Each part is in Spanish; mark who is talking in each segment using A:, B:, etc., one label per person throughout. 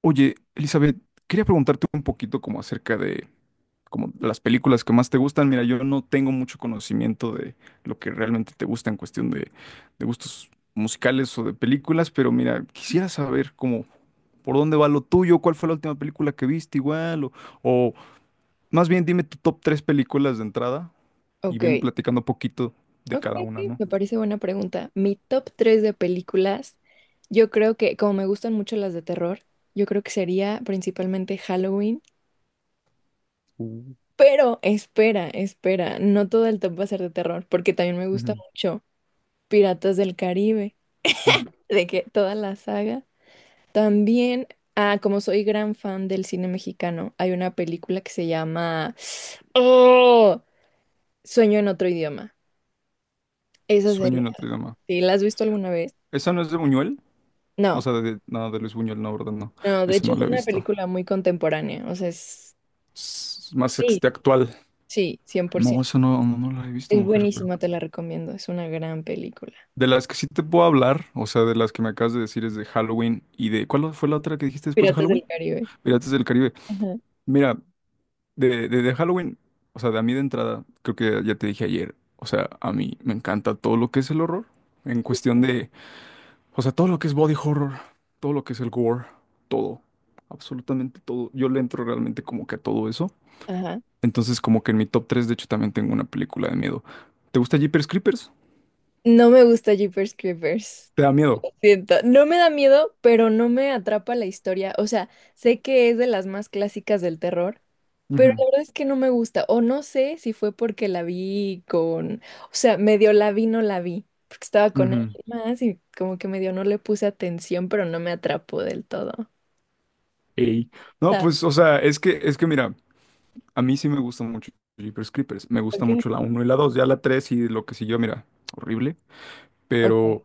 A: Oye, Elizabeth, quería preguntarte un poquito como acerca de como de las películas que más te gustan. Mira, yo no tengo mucho conocimiento de lo que realmente te gusta en cuestión de gustos musicales o de películas, pero mira, quisiera saber como por dónde va lo tuyo, cuál fue la última película que viste igual, o más bien dime tu top tres películas de entrada y
B: Ok,
A: ven platicando poquito de
B: ok,
A: cada una,
B: ok,
A: ¿no?
B: me parece buena pregunta. Mi top tres de películas, yo creo que, como me gustan mucho las de terror, yo creo que sería principalmente Halloween.
A: Uh,
B: Pero espera, espera, no todo el top va a ser de terror, porque también me gusta
A: Ujú.
B: mucho Piratas del Caribe,
A: Ujú.
B: de que toda la saga. También, como soy gran fan del cine mexicano, hay una película que se llama Oh, Sueño en otro idioma. Esa
A: Sueño
B: sería.
A: en Notre Dame.
B: ¿Sí? ¿La has visto alguna vez?
A: ¿Esa no es de Buñuel? O
B: No,
A: sea, de, no, de Luis Buñuel, no, ¿verdad? No,
B: no, de
A: esa
B: hecho
A: no
B: es
A: la he
B: una
A: visto.
B: película muy contemporánea, o sea, es...
A: Es más
B: Sí,
A: este actual.
B: sí, cien por
A: No,
B: ciento
A: esa no, no, no la he visto,
B: Es
A: mujer, pero.
B: buenísima, te la recomiendo, es una gran película.
A: De las que sí te puedo hablar, o sea, de las que me acabas de decir es de Halloween y de. ¿Cuál fue la otra que dijiste después de
B: Piratas
A: Halloween?
B: del Caribe.
A: Piratas del Caribe.
B: Ajá.
A: Mira, de Halloween, o sea, de a mí de entrada, creo que ya te dije ayer, o sea, a mí me encanta todo lo que es el horror, en cuestión
B: Justo.
A: de. O sea, todo lo que es body horror, todo lo que es el gore, todo, absolutamente todo. Yo le entro realmente como que a todo eso.
B: Ajá.
A: Entonces, como que en mi top 3 de hecho, también tengo una película de miedo. ¿Te gusta Jeepers Creepers?
B: No me gusta Jeepers Creepers.
A: ¿Te da miedo?
B: Siento, no me da miedo, pero no me atrapa la historia. O sea, sé que es de las más clásicas del terror. La
A: Ujú,
B: verdad es que no me gusta, o no sé si fue porque la vi con, o sea, medio la vi, no la vi, porque estaba con
A: ujú.
B: alguien más y como que medio no le puse atención, pero no me atrapó del todo.
A: Ey. No,
B: ¿Sabes?
A: pues, o sea, es que mira, a mí sí me gusta mucho Jeepers Creepers. Me gusta mucho
B: Ok.
A: la uno, y la 2, ya la 3 y lo que siguió, mira, horrible.
B: Ok.
A: Pero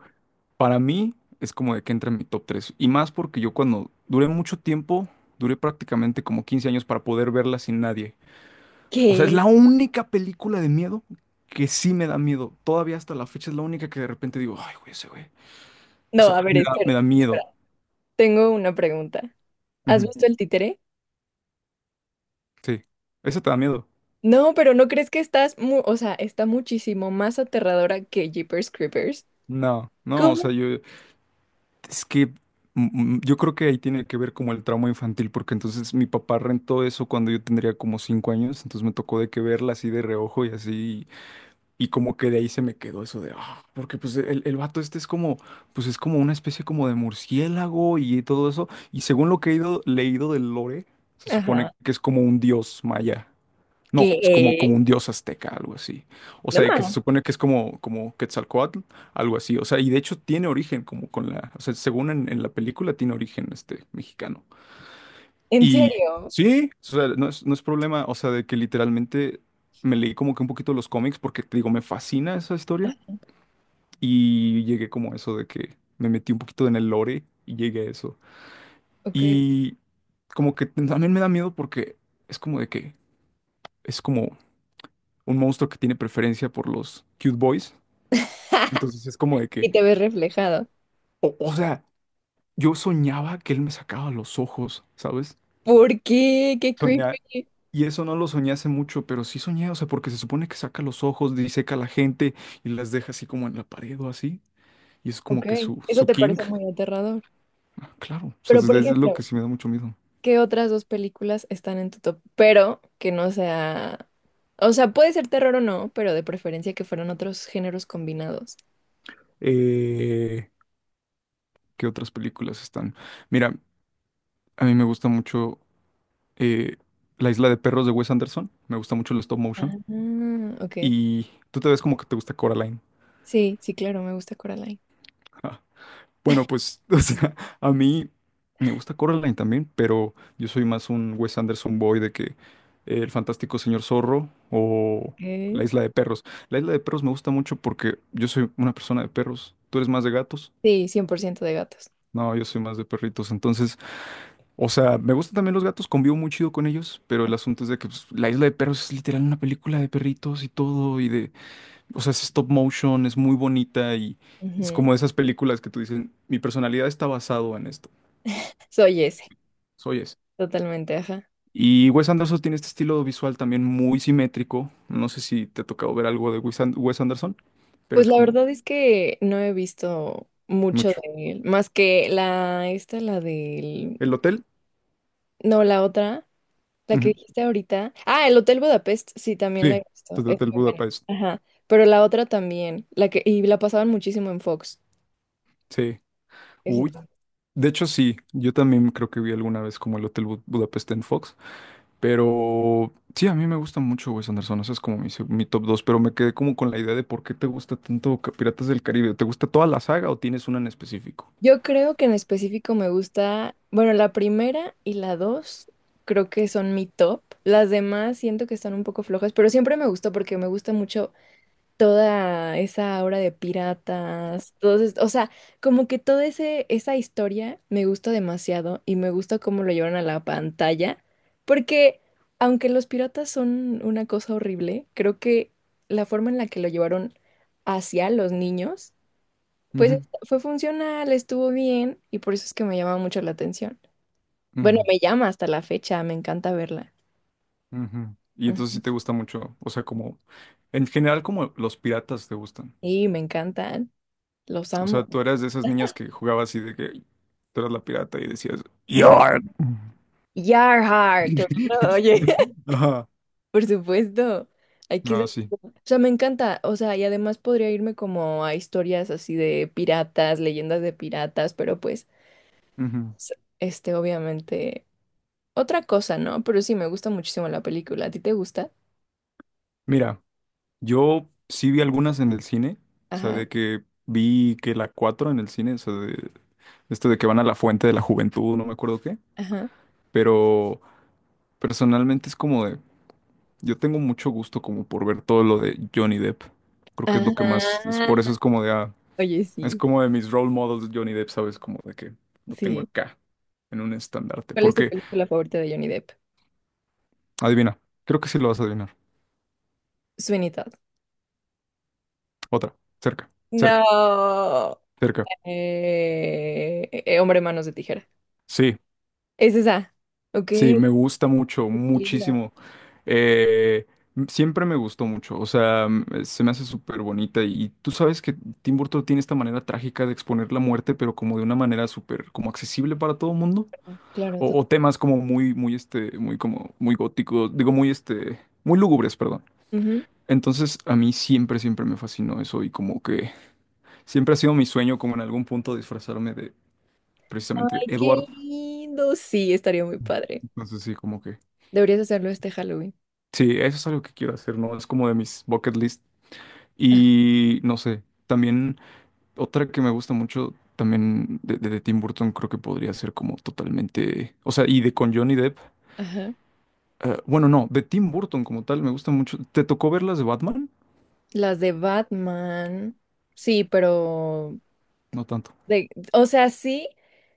A: para mí es como de que entra en mi top 3 y más porque yo cuando duré mucho tiempo, duré prácticamente como 15 años para poder verla sin nadie. O sea, es
B: ¿Qué?
A: la única película de miedo que sí me da miedo. Todavía hasta la fecha es la única que de repente digo, ay, güey, ese güey. O
B: No,
A: sea,
B: a ver,
A: me da,
B: espera,
A: me da
B: espera.
A: miedo.
B: Tengo una pregunta. ¿Has
A: Ujú,
B: visto el títere?
A: sí. ¿Eso te da miedo?
B: No, pero ¿no crees que estás o sea, está muchísimo más aterradora que Jeepers Creepers?
A: No, no, o sea,
B: ¿Cómo
A: yo, es que yo creo que ahí tiene que ver como el trauma infantil, porque entonces mi papá rentó eso cuando yo tendría como 5 años, entonces me tocó de que verla así de reojo y así, y como que de ahí se me quedó eso de, porque pues el, vato este es como, pues es como una especie como de murciélago y todo eso. Y según lo que he ido, leído del lore, se
B: Ajá.
A: supone que es como un dios maya.
B: Que,
A: No, es como, como, un dios azteca, algo así. O
B: no
A: sea,
B: más,
A: que se supone que es como Quetzalcóatl, algo así. O sea, y de hecho tiene origen como con la, o sea, según en la película tiene origen este mexicano.
B: en
A: Y
B: serio.
A: sí, o sea, no es problema, o sea, de que literalmente me leí como que un poquito los cómics porque te digo, me fascina esa historia y llegué como a eso de que me metí un poquito en el lore y llegué a eso.
B: Ok.
A: Y como que también me da miedo porque es como de que es como un monstruo que tiene preferencia por los cute boys. Entonces es como de que,
B: Y te ves reflejado.
A: o sea, yo soñaba que él me sacaba los ojos, ¿sabes?
B: ¿Por qué? Qué
A: Soñaba.
B: creepy.
A: Y eso no lo soñé hace mucho, pero sí soñé, o sea, porque se supone que saca los ojos, diseca a la gente y las deja así como en la pared o así. Y es
B: Ok,
A: como que su,
B: eso
A: su
B: te parece
A: kink.
B: muy aterrador.
A: Ah, claro, o sea, es,
B: Pero, por
A: es lo
B: ejemplo,
A: que sí me da mucho miedo.
B: ¿qué otras dos películas están en tu top? Pero que no sea... O sea, puede ser terror o no, pero de preferencia que fueran otros géneros combinados.
A: Eh, ¿Qué otras películas están? Mira, a mí me gusta mucho eh, La Isla de Perros de Wes Anderson. Me gusta mucho el stop
B: Ah,
A: motion.
B: ok.
A: Y tú te ves como que te gusta Coraline.
B: Sí, sí, claro, me gusta Coraline.
A: Bueno, pues, o sea, a mí me gusta Coraline también, pero yo soy más un Wes Anderson boy de que El Fantástico Señor Zorro o La
B: Ok.
A: Isla de Perros. La Isla de Perros me gusta mucho porque yo soy una persona de perros. ¿Tú eres más de gatos?
B: Sí, 100% de gatos.
A: No, yo soy más de perritos. Entonces, o sea, me gustan también los gatos, convivo muy chido con ellos, pero el asunto es de que pues, La Isla de Perros es literal una película de perritos y todo, y de, o sea, es stop motion, es muy bonita y... Es
B: Ujú.
A: como de esas películas que tú dices, mi personalidad está basado en esto.
B: Soy ese,
A: Soy ese.
B: totalmente, ajá.
A: Y Wes Anderson tiene este estilo visual también muy simétrico. No sé si te ha tocado ver algo de Wes Anderson, pero
B: Pues
A: es
B: la
A: como
B: verdad es que no he visto mucho
A: mucho.
B: de él, más que la, esta, la del,
A: ¿El hotel?
B: no, la otra, la que
A: Ujú.
B: dijiste ahorita. Ah, el Hotel Budapest, sí, también la
A: Sí,
B: he visto,
A: el
B: es
A: Hotel
B: muy buena.
A: Budapest.
B: Ajá, pero la otra también, la que, y la pasaban muchísimo en Fox.
A: Sí.
B: Esa
A: Uy.
B: también.
A: De hecho, sí. Yo también creo que vi alguna vez como el Hotel Budapest en Fox. Pero sí, a mí me gusta mucho Wes Anderson. Ese es como mi top dos. Pero me quedé como con la idea de por qué te gusta tanto Piratas del Caribe. ¿Te gusta toda la saga o tienes una en específico?
B: Yo creo que en específico me gusta, bueno, la primera y la dos creo que son mi top. Las demás siento que están un poco flojas, pero siempre me gustó porque me gusta mucho toda esa aura de piratas, todos, o sea, como que esa historia me gusta demasiado y me gusta cómo lo llevan a la pantalla, porque aunque los piratas son una cosa horrible, creo que la forma en la que lo llevaron hacia los niños, pues
A: Ujú,
B: fue funcional, estuvo bien y por eso es que me llama mucho la atención. Bueno,
A: ujú.
B: me llama hasta la fecha, me encanta verla.
A: Ujú. Y entonces
B: Ujú.
A: sí te gusta mucho, o sea, como, en general como los piratas te gustan.
B: Sí, me encantan, los
A: O sea,
B: amo.
A: tú eras de esas niñas que jugabas y de que tú eras la pirata y decías,
B: Bueno,
A: ¡Yar!
B: Yarhar, claro, oye.
A: Ajá.
B: Por supuesto, hay que
A: Ah,
B: saber
A: sí.
B: O sea, me encanta, o sea, y además podría irme como a historias así de piratas, leyendas de piratas, pero pues,
A: Ujú.
B: este, obviamente, otra cosa, ¿no? Pero sí, me gusta muchísimo la película. ¿A ti te gusta?
A: Mira, yo sí vi algunas en el cine, o sea,
B: Ajá,
A: de que vi que la 4 en el cine, o sea, de esto de que van a la fuente de la juventud, no me acuerdo qué,
B: ajá,
A: pero personalmente es como de, yo tengo mucho gusto como por ver todo lo de Johnny Depp. Creo que es lo que más, es por eso
B: ajá.
A: es como de,
B: Oye,
A: es
B: sí,
A: como de mis role models Johnny Depp, ¿sabes? Como de que lo tengo
B: sí.
A: acá, en un estandarte.
B: ¿Cuál es tu
A: Porque,
B: película favorita de Johnny Depp?
A: adivina, creo que sí lo vas a adivinar.
B: Sweeney Todd.
A: Otra, cerca, cerca,
B: No.
A: cerca.
B: Hombre, manos de tijera.
A: Sí,
B: Es esa. Ok,
A: sí, me gusta mucho,
B: linda.
A: muchísimo. Eh, siempre me gustó mucho, o sea, se me hace súper bonita. Y tú sabes que Tim Burton tiene esta manera trágica de exponer la muerte, pero como de una manera súper, como accesible para todo el mundo.
B: Claro,
A: O,
B: total.
A: o temas como muy, muy, este, muy como, muy góticos, digo, muy, este, muy lúgubres, perdón. Entonces, a mí siempre, siempre me fascinó eso y como que siempre ha sido mi sueño como en algún punto disfrazarme de precisamente de
B: Ay, qué
A: Edward.
B: lindo. Sí, estaría muy padre.
A: Entonces, sí, como que,
B: Deberías hacerlo este Halloween.
A: sí, eso es algo que quiero hacer, ¿no? Es como de mis bucket list. Y no sé, también otra que me gusta mucho también de Tim Burton creo que podría ser como totalmente, o sea, y de con Johnny Depp.
B: Ajá.
A: Bueno, no, de Tim Burton como tal, me gusta mucho. ¿Te tocó ver las de Batman?
B: Las de Batman. Sí, pero
A: No tanto.
B: de, o sea, sí,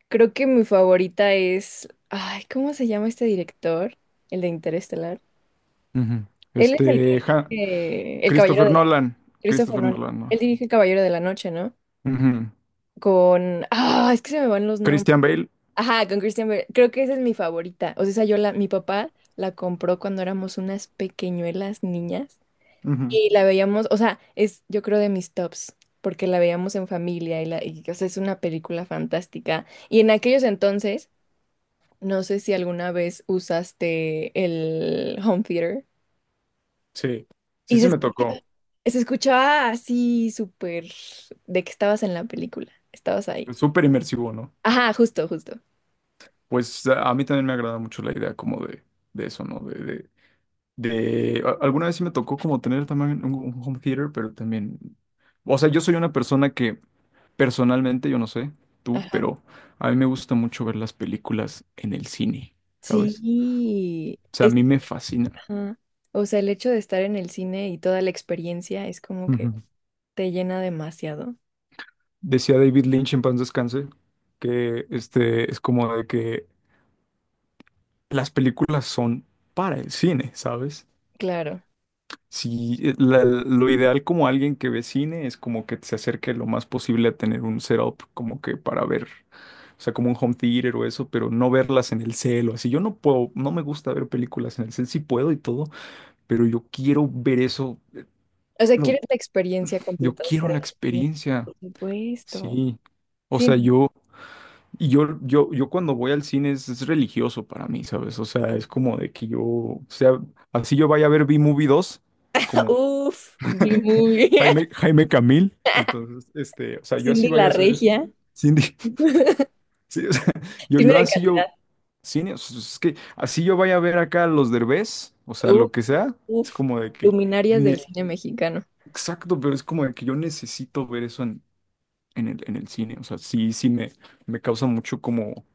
B: creo que mi favorita es. Ay, ¿cómo se llama este director? El de Interestelar.
A: Ujú.
B: Él es el que
A: Este,
B: El Caballero
A: Christopher
B: de la
A: Nolan.
B: Christopher
A: Christopher
B: Nolan.
A: Nolan, no.
B: Él dirige El Caballero de la Noche, ¿no?
A: Ujú.
B: Con. Ah, es que se me van los nombres.
A: Christian Bale.
B: Ajá, con Christian Bale. Creo que esa es mi favorita. O sea, esa yo la, mi papá la compró cuando éramos unas pequeñuelas niñas
A: Ujú.
B: y la veíamos, o sea, es yo creo de mis tops, porque la veíamos en familia y la, y, o sea, es una película fantástica. Y en aquellos entonces, no sé si alguna vez usaste el home theater
A: Sí, sí,
B: y
A: sí
B: se,
A: me tocó.
B: se escuchaba así súper de que estabas en la película, estabas ahí.
A: Es súper inmersivo, ¿no?
B: Ajá, justo, justo.
A: Pues a mí también me agrada mucho la idea como de, eso, ¿no? Alguna vez sí me tocó como tener también un home theater, pero también... O sea, yo soy una persona que personalmente, yo no sé, tú,
B: Ajá.
A: pero a mí me gusta mucho ver las películas en el cine, ¿sabes?
B: Sí,
A: O sea, a mí me fascina.
B: Ajá. O sea, el hecho de estar en el cine y toda la experiencia es como que
A: Ujú.
B: te llena demasiado.
A: Decía David Lynch en paz descanse que este es como de que las películas son para el cine, ¿sabes?
B: Claro.
A: Si lo ideal como alguien que ve cine es como que se acerque lo más posible a tener un setup como que para ver, o sea, como un home theater o eso, pero no verlas en el cel o así. Yo no puedo, no me gusta ver películas en el cel, sí puedo y todo, pero yo quiero ver eso,
B: O sea,
A: lo,
B: quieres la experiencia
A: yo
B: completa de
A: quiero
B: estar
A: la
B: en el cine.
A: experiencia,
B: Por supuesto.
A: sí. O
B: Sí.
A: sea,
B: No.
A: yo. Y yo cuando voy al cine es religioso para mí, ¿sabes? O sea, es como de que yo, o sea, así yo vaya a ver B-Movie 2, es como
B: Uf, vi muy
A: Jaime, Jaime Camil, entonces, este, o sea, yo así
B: Cindy
A: vaya
B: la
A: a hacer eso.
B: Regia.
A: Cindy, sí, o sea, yo,
B: Cine
A: yo
B: de
A: así
B: calidad.
A: yo, cine, o sea, es que así yo vaya a ver acá a los Derbez, o sea,
B: Uf,
A: lo que sea, es
B: uf.
A: como de que,
B: Luminarias del
A: ne-
B: cine mexicano.
A: exacto, pero es como de que yo necesito ver eso en el cine, o sea, sí, sí me causa mucho como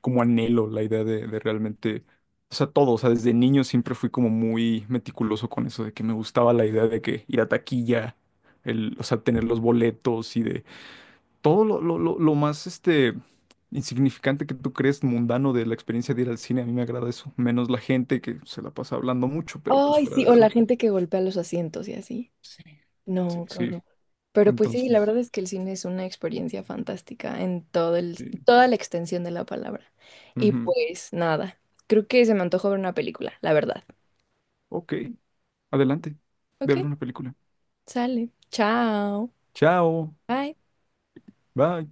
A: como anhelo la idea de realmente, o sea, todo, o sea, desde niño siempre fui como muy meticuloso con eso, de que me gustaba la idea de que ir a taquilla, o sea, tener los boletos y de todo lo más, este, insignificante que tú crees mundano de la experiencia de ir al cine, a mí me agrada eso, menos la gente que se la pasa hablando mucho, pero pues
B: Ay,
A: fuera
B: sí,
A: de
B: o la
A: eso.
B: gente que golpea los asientos y así.
A: Sí, sí,
B: No, qué
A: sí,
B: horror. Pero pues sí, la
A: entonces,
B: verdad es que el cine es una experiencia fantástica en todo el,
A: sí.
B: toda la extensión de la palabra. Y
A: Ujú.
B: pues nada, creo que se me antojó ver una película, la verdad.
A: Ok, adelante, voy a
B: Ok,
A: ver una película.
B: sale. Chao.
A: Chao,
B: Bye.
A: bye.